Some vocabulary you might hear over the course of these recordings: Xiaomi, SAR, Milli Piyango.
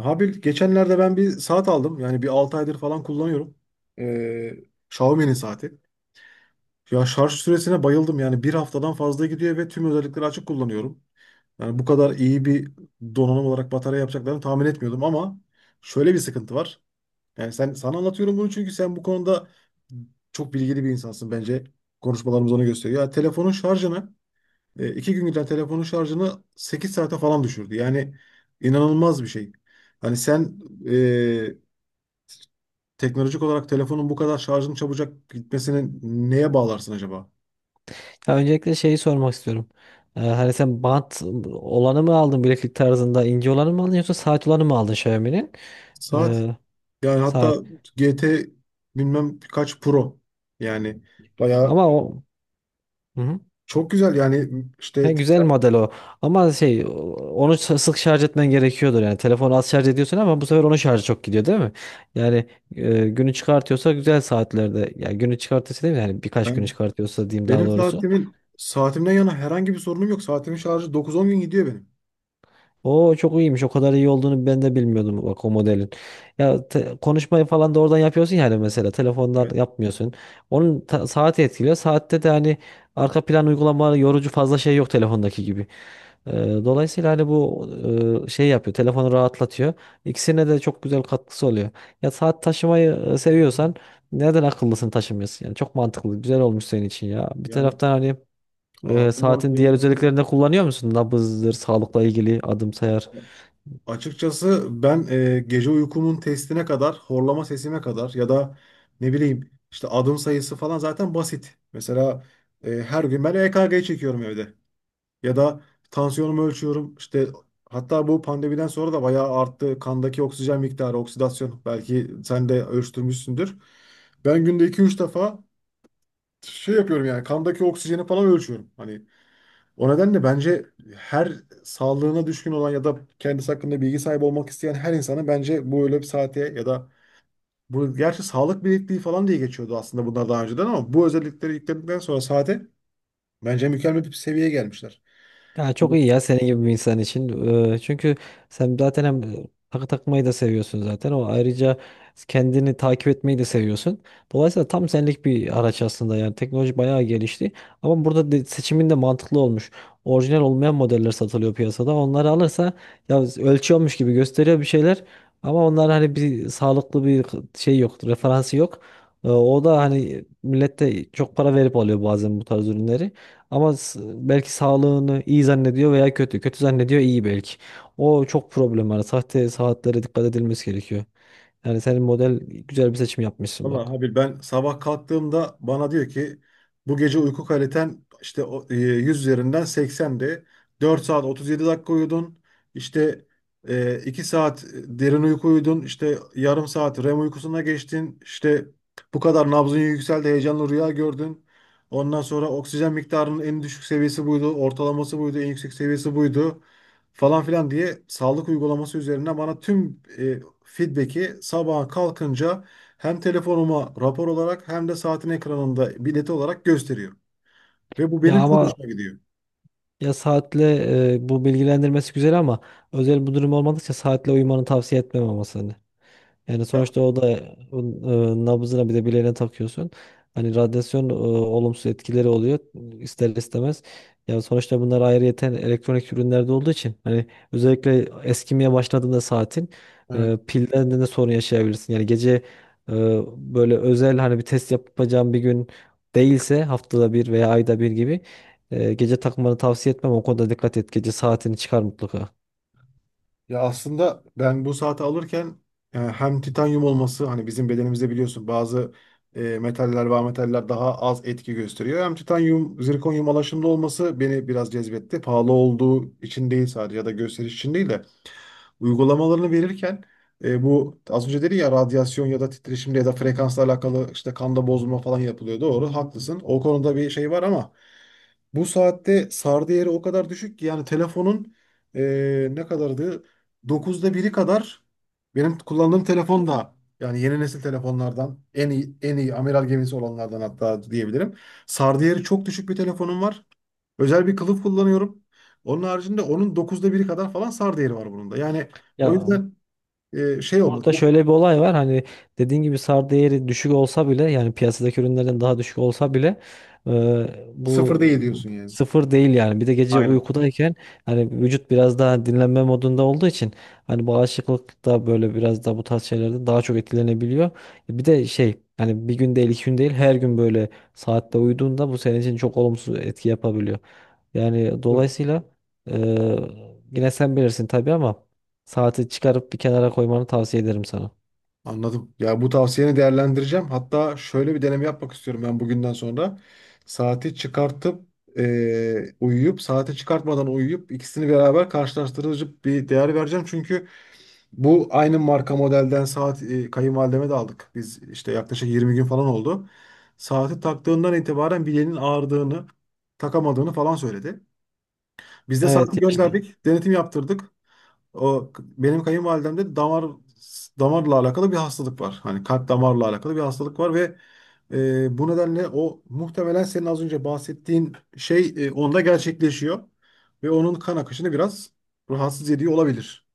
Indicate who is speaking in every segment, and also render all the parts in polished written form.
Speaker 1: Abi geçenlerde ben bir saat aldım. Yani bir 6 aydır falan kullanıyorum. Ee, Xiaomi'nin saati. Ya şarj süresine bayıldım. Yani bir haftadan fazla gidiyor ve tüm özellikleri açık kullanıyorum. Yani bu kadar iyi bir donanım olarak batarya yapacaklarını tahmin etmiyordum ama şöyle bir sıkıntı var. Yani sana anlatıyorum bunu çünkü sen bu konuda çok bilgili bir insansın bence. Konuşmalarımız onu gösteriyor. Ya iki gün giden telefonun şarjını 8 saate falan düşürdü. Yani inanılmaz bir şey. Hani sen e, teknolojik olarak telefonun bu kadar şarjın çabucak gitmesini neye bağlarsın acaba?
Speaker 2: Ya öncelikle şeyi sormak istiyorum. Hani sen bant olanı mı aldın bileklik tarzında ince olanı mı aldın yoksa saat olanı mı aldın Xiaomi'nin?
Speaker 1: Saat.
Speaker 2: Ee,
Speaker 1: Yani hatta
Speaker 2: Saat.
Speaker 1: GT bilmem kaç Pro. Yani bayağı
Speaker 2: Ama o. Hı hı.
Speaker 1: çok güzel. Yani işte
Speaker 2: He, güzel model o. Ama onu sık şarj etmen gerekiyordur yani. Telefonu az şarj ediyorsun ama bu sefer onun şarjı çok gidiyor değil mi? Yani günü çıkartıyorsa güzel saatlerde. Yani günü çıkartıyorsa değil mi? Yani birkaç günü
Speaker 1: ben,
Speaker 2: çıkartıyorsa diyeyim daha
Speaker 1: benim
Speaker 2: doğrusu.
Speaker 1: saatimden yana herhangi bir sorunum yok. Saatimin şarjı dokuz on gün gidiyor benim.
Speaker 2: O çok iyiymiş. O kadar iyi olduğunu ben de bilmiyordum bak o modelin. Ya konuşmayı falan da oradan yapıyorsun yani mesela telefondan
Speaker 1: Evet.
Speaker 2: yapmıyorsun. Onun saati etkiliyor. Saatte de hani arka plan uygulamaları yorucu fazla şey yok telefondaki gibi. Ee, Dolayısıyla hani bu şey yapıyor. Telefonu rahatlatıyor. İkisine de çok güzel katkısı oluyor. Ya saat taşımayı seviyorsan neden akıllısını taşımıyorsun? Yani çok mantıklı. Güzel olmuş senin için ya. Bir
Speaker 1: Yani
Speaker 2: taraftan hani
Speaker 1: ağırlığından
Speaker 2: saatin diğer
Speaker 1: dolayı.
Speaker 2: özelliklerini de kullanıyor musun? Nabızdır, sağlıkla ilgili adım sayar.
Speaker 1: Açıkçası ben gece uykumun testine kadar, horlama sesime kadar ya da ne bileyim işte adım sayısı falan zaten basit. Mesela her gün ben EKG çekiyorum evde. Ya da tansiyonumu ölçüyorum. İşte hatta bu pandemiden sonra da bayağı arttı. Kandaki oksijen miktarı, oksidasyon belki sen de ölçtürmüşsündür. Ben günde iki üç defa şey yapıyorum yani kandaki oksijeni falan ölçüyorum. Hani o nedenle bence her sağlığına düşkün olan ya da kendisi hakkında bilgi sahibi olmak isteyen her insanın bence bu öyle bir saate ya da bu gerçi sağlık bilekliği falan diye geçiyordu aslında bunlar daha önceden ama bu özellikleri yükledikten sonra saate bence mükemmel bir seviyeye gelmişler.
Speaker 2: Ya çok
Speaker 1: Bu-
Speaker 2: iyi ya senin gibi bir insan için. Çünkü sen zaten hem takı takmayı da seviyorsun zaten. O ayrıca kendini takip etmeyi de seviyorsun. Dolayısıyla tam senlik bir araç aslında yani teknoloji bayağı gelişti. Ama burada seçimin de mantıklı olmuş. Orijinal olmayan modeller satılıyor piyasada. Onları alırsa ya ölçüyormuş gibi gösteriyor bir şeyler. Ama onlar hani bir sağlıklı bir şey yok, referansı yok. O da hani millet de çok para verip alıyor bazen bu tarz ürünleri. Ama belki sağlığını iyi zannediyor veya kötü. Kötü zannediyor iyi belki. O çok problem var. Sahte saatlere dikkat edilmesi gerekiyor. Yani senin model güzel bir seçim yapmışsın
Speaker 1: Vallahi
Speaker 2: bak.
Speaker 1: abi ben sabah kalktığımda bana diyor ki bu gece uyku kaliten işte 100 üzerinden 80'di. 4 saat 37 dakika uyudun. İşte 2 saat derin uyku uyudun. İşte yarım saat REM uykusuna geçtin. İşte bu kadar nabzın yükseldi. Heyecanlı rüya gördün. Ondan sonra oksijen miktarının en düşük seviyesi buydu. Ortalaması buydu. En yüksek seviyesi buydu. Falan filan diye sağlık uygulaması üzerinden bana tüm feedback'i sabaha kalkınca hem telefonuma rapor olarak hem de saatin ekranında bileti olarak gösteriyor. Ve bu
Speaker 2: Ya
Speaker 1: benim çok
Speaker 2: ama
Speaker 1: hoşuma gidiyor.
Speaker 2: ya saatle bu bilgilendirmesi güzel ama özel bu durum olmadıkça saatle uyumanı tavsiye etmem ama seni. Yani
Speaker 1: Ya.
Speaker 2: sonuçta o da nabzına bir de bileğine takıyorsun. Hani radyasyon olumsuz etkileri oluyor ister istemez. Yani sonuçta bunlar ayrıyeten elektronik ürünlerde olduğu için hani özellikle eskimeye başladığında saatin
Speaker 1: Evet.
Speaker 2: pilden de sorun yaşayabilirsin. Yani gece e, böyle özel hani bir test yapacağım bir gün değilse haftada bir veya ayda bir gibi gece takmanı tavsiye etmem. O konuda dikkat et. Gece saatini çıkar mutlaka.
Speaker 1: Ya aslında ben bu saati alırken hem titanyum olması hani bizim bedenimizde biliyorsun bazı metaller ve ametaller daha az etki gösteriyor. Hem titanyum, zirkonyum alaşımlı olması beni biraz cezbetti. Pahalı olduğu için değil sadece ya da gösteriş için değil de uygulamalarını verirken bu az önce dedi ya radyasyon ya da titreşimle ya da frekansla alakalı işte kanda bozulma falan yapılıyor. Doğru, haklısın. O konuda bir şey var ama bu saatte SAR değeri o kadar düşük ki yani telefonun ne kadardı? Dokuzda biri kadar benim kullandığım telefon da yani yeni nesil telefonlardan en iyi en iyi amiral gemisi olanlardan hatta diyebilirim. SAR değeri çok düşük bir telefonum var. Özel bir kılıf kullanıyorum. Onun haricinde onun dokuzda biri kadar falan SAR değeri var bunun da. Yani
Speaker 2: Ya,
Speaker 1: o yüzden şey olmaz.
Speaker 2: burada
Speaker 1: Yok,
Speaker 2: şöyle bir olay var. Hani dediğin gibi SAR değeri düşük olsa bile yani piyasadaki ürünlerden daha düşük olsa bile e,
Speaker 1: sıfır
Speaker 2: bu
Speaker 1: değil diyorsun yani.
Speaker 2: sıfır değil yani. Bir de gece
Speaker 1: Aynen.
Speaker 2: uykudayken hani vücut biraz daha dinlenme modunda olduğu için hani bağışıklık da böyle biraz da bu tarz şeylerde daha çok etkilenebiliyor. Bir de şey hani bir gün değil iki gün değil her gün böyle saatte uyuduğunda bu senin için çok olumsuz etki yapabiliyor. Yani
Speaker 1: Hı.
Speaker 2: dolayısıyla e, yine sen bilirsin tabii ama saati çıkarıp bir kenara koymanı tavsiye ederim sana.
Speaker 1: Anladım. Ya bu tavsiyeni değerlendireceğim. Hatta şöyle bir deneme yapmak istiyorum ben bugünden sonra. Saati çıkartıp uyuyup, saati çıkartmadan uyuyup ikisini beraber karşılaştırıcı bir değer vereceğim. Çünkü bu aynı marka modelden saat kayınvalideme de aldık. Biz işte yaklaşık 20 gün falan oldu. Saati taktığından itibaren bileğinin ağrıdığını, takamadığını falan söyledi. Biz de
Speaker 2: Evet
Speaker 1: saati
Speaker 2: yaşlı. Tamam.
Speaker 1: gönderdik, denetim yaptırdık. O benim kayınvalidemde de damarla alakalı bir hastalık var. Hani kalp damarla alakalı bir hastalık var ve bu nedenle o muhtemelen senin az önce bahsettiğin şey onda gerçekleşiyor ve onun kan akışını biraz rahatsız ediyor olabilir.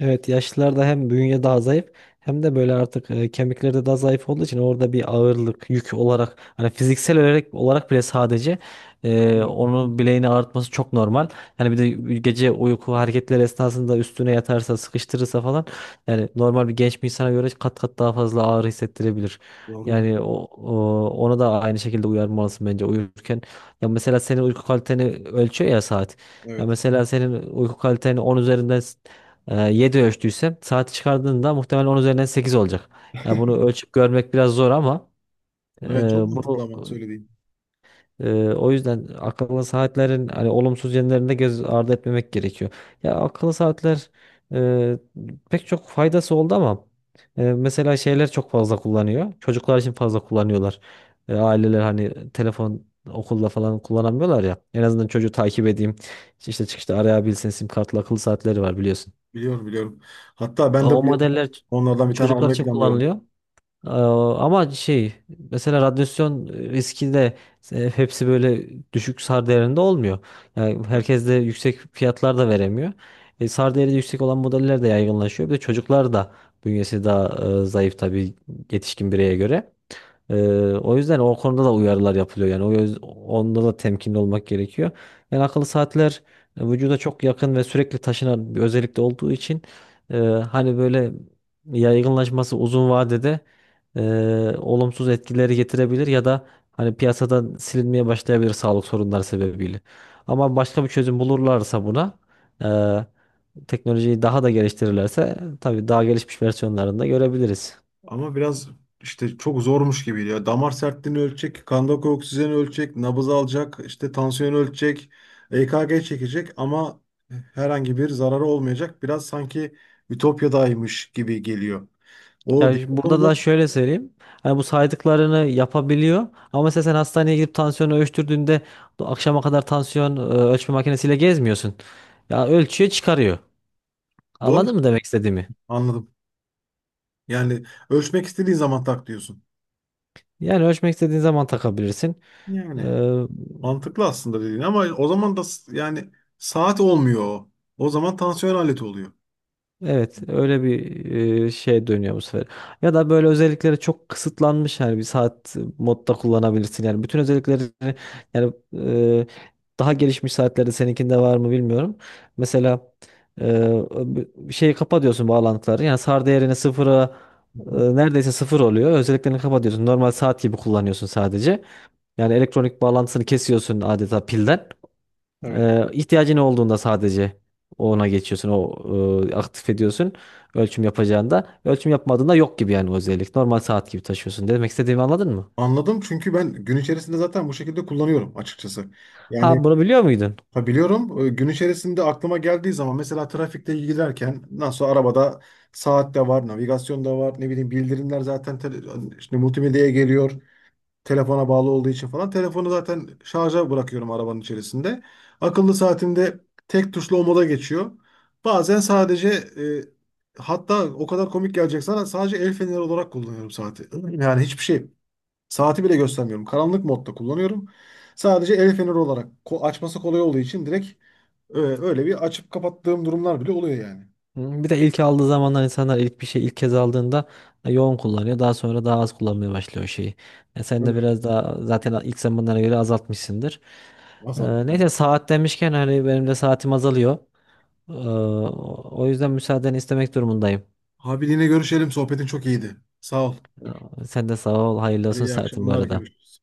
Speaker 2: Evet yaşlılarda hem bünye daha zayıf hem de böyle artık kemikleri de daha zayıf olduğu için orada bir ağırlık yük olarak hani fiziksel olarak, bile sadece
Speaker 1: Hmm.
Speaker 2: onu bileğini ağrıtması çok normal. Yani bir de gece uyku hareketleri esnasında üstüne yatarsa sıkıştırırsa falan yani normal bir genç bir insana göre kat kat daha fazla ağrı hissettirebilir.
Speaker 1: Doğru ya.
Speaker 2: Yani ona da aynı şekilde uyarmalısın bence uyurken. Ya mesela senin uyku kaliteni ölçüyor ya saat. Ya
Speaker 1: Evet.
Speaker 2: mesela senin uyku kaliteni 10 üzerinden 7 ölçtüysem saati çıkardığında muhtemelen 10 üzerinden 8 olacak. Yani bunu ölçüp görmek biraz zor ama e,
Speaker 1: Evet, çok mantıklı
Speaker 2: bunu
Speaker 1: ama söylediğin.
Speaker 2: o yüzden akıllı saatlerin hani olumsuz yönlerini de göz ardı etmemek gerekiyor. Ya akıllı saatler e, pek çok faydası oldu ama mesela şeyler çok fazla kullanıyor. Çocuklar için fazla kullanıyorlar. Aileler hani telefon okulda falan kullanamıyorlar ya. En azından çocuğu takip edeyim. İşte çıkışta arayabilsin. Sim kartlı akıllı saatleri var biliyorsun.
Speaker 1: Biliyorum, biliyorum. Hatta ben
Speaker 2: Aa,
Speaker 1: de
Speaker 2: o
Speaker 1: bu yıl
Speaker 2: modeller
Speaker 1: onlardan bir tane
Speaker 2: çocuklar
Speaker 1: almayı
Speaker 2: için
Speaker 1: planlıyorum.
Speaker 2: kullanılıyor. Aa, ama şey mesela radyasyon riski de hepsi böyle düşük SAR değerinde olmuyor. Yani herkes de yüksek fiyatlar da veremiyor. E, SAR değeri yüksek olan modeller de yaygınlaşıyor. Bir de çocuklar da bünyesi daha zayıf tabii yetişkin bireye göre. Ee, O yüzden o konuda da uyarılar yapılıyor yani onda da temkinli olmak gerekiyor. Yani akıllı saatler vücuda çok yakın ve sürekli taşınan bir özellikle olduğu için hani böyle yaygınlaşması uzun vadede e, olumsuz etkileri getirebilir ya da hani piyasadan silinmeye başlayabilir sağlık sorunları sebebiyle. Ama başka bir çözüm bulurlarsa buna teknolojiyi daha da geliştirirlerse tabii daha gelişmiş versiyonlarında görebiliriz.
Speaker 1: Ama biraz işte çok zormuş gibiydi ya. Damar sertliğini ölçecek, kandaki oksijeni ölçecek, nabız alacak, işte tansiyonu ölçecek, EKG çekecek ama herhangi bir zararı olmayacak. Biraz sanki Ütopya'daymış gibi geliyor. O
Speaker 2: Ya şimdi
Speaker 1: diğer
Speaker 2: burada
Speaker 1: konuda
Speaker 2: da şöyle söyleyeyim. Hani bu saydıklarını yapabiliyor. Ama mesela sen hastaneye gidip tansiyonu ölçtürdüğünde akşama kadar tansiyon ölçme makinesiyle gezmiyorsun. Ya ölçüyor çıkarıyor.
Speaker 1: doğru
Speaker 2: Anladın mı demek istediğimi?
Speaker 1: anladım. Yani ölçmek istediğin zaman tak diyorsun.
Speaker 2: Yani ölçmek istediğin zaman takabilirsin. E,
Speaker 1: Yani mantıklı aslında dediğin ama o zaman da yani saat olmuyor o. O zaman tansiyon aleti oluyor.
Speaker 2: Evet,
Speaker 1: Hı
Speaker 2: öyle bir şey dönüyor bu sefer. Ya da böyle özellikleri çok kısıtlanmış yani bir saat modda kullanabilirsin. Yani bütün özellikleri yani daha gelişmiş saatlerde seninkinde var mı bilmiyorum. Mesela e, bir şeyi kapa diyorsun bağlantıları. Yani SAR değerini sıfıra
Speaker 1: hı.
Speaker 2: neredeyse sıfır oluyor. Özelliklerini kapa diyorsun. Normal saat gibi kullanıyorsun sadece. Yani elektronik bağlantısını kesiyorsun adeta pilden.
Speaker 1: Evet.
Speaker 2: İhtiyacın olduğunda sadece ona geçiyorsun, o aktif ediyorsun ölçüm yapacağında. Ölçüm yapmadığında yok gibi yani o özellik. Normal saat gibi taşıyorsun. Demek istediğimi anladın mı?
Speaker 1: Anladım çünkü ben gün içerisinde zaten bu şekilde kullanıyorum açıkçası. Yani.
Speaker 2: Ha, bunu biliyor muydun?
Speaker 1: Ha, biliyorum. Gün içerisinde aklıma geldiği zaman mesela trafikte giderken nasıl arabada saat de var, navigasyon da var, ne bileyim bildirimler zaten tele- işte multimedyaya geliyor. Telefona bağlı olduğu için falan. Telefonu zaten şarja bırakıyorum arabanın içerisinde. Akıllı saatimde tek tuşlu o moda geçiyor. Bazen sadece hatta o kadar komik gelecek sana sadece el feneri olarak kullanıyorum saati. Yani hiçbir şey. Saati bile göstermiyorum. Karanlık modda kullanıyorum. Sadece el feneri olarak açması kolay olduğu için direkt öyle bir açıp kapattığım durumlar bile oluyor yani.
Speaker 2: Hı, bir de ilk aldığı zamanlar insanlar ilk bir şey ilk kez aldığında yoğun kullanıyor. Daha sonra daha az kullanmaya başlıyor o şeyi. E, sen de
Speaker 1: Böyle
Speaker 2: biraz daha zaten ilk zamanlara göre azaltmışsındır.
Speaker 1: azalttım yani.
Speaker 2: Neyse saat demişken hani benim de saatim azalıyor. O yüzden müsaadeni istemek durumundayım.
Speaker 1: Abi yine görüşelim. Sohbetin çok iyiydi. Sağ ol.
Speaker 2: Sen de sağ ol. Hayırlı
Speaker 1: Hadi
Speaker 2: olsun
Speaker 1: iyi
Speaker 2: saatin bu
Speaker 1: akşamlar.
Speaker 2: arada.
Speaker 1: Görüşürüz.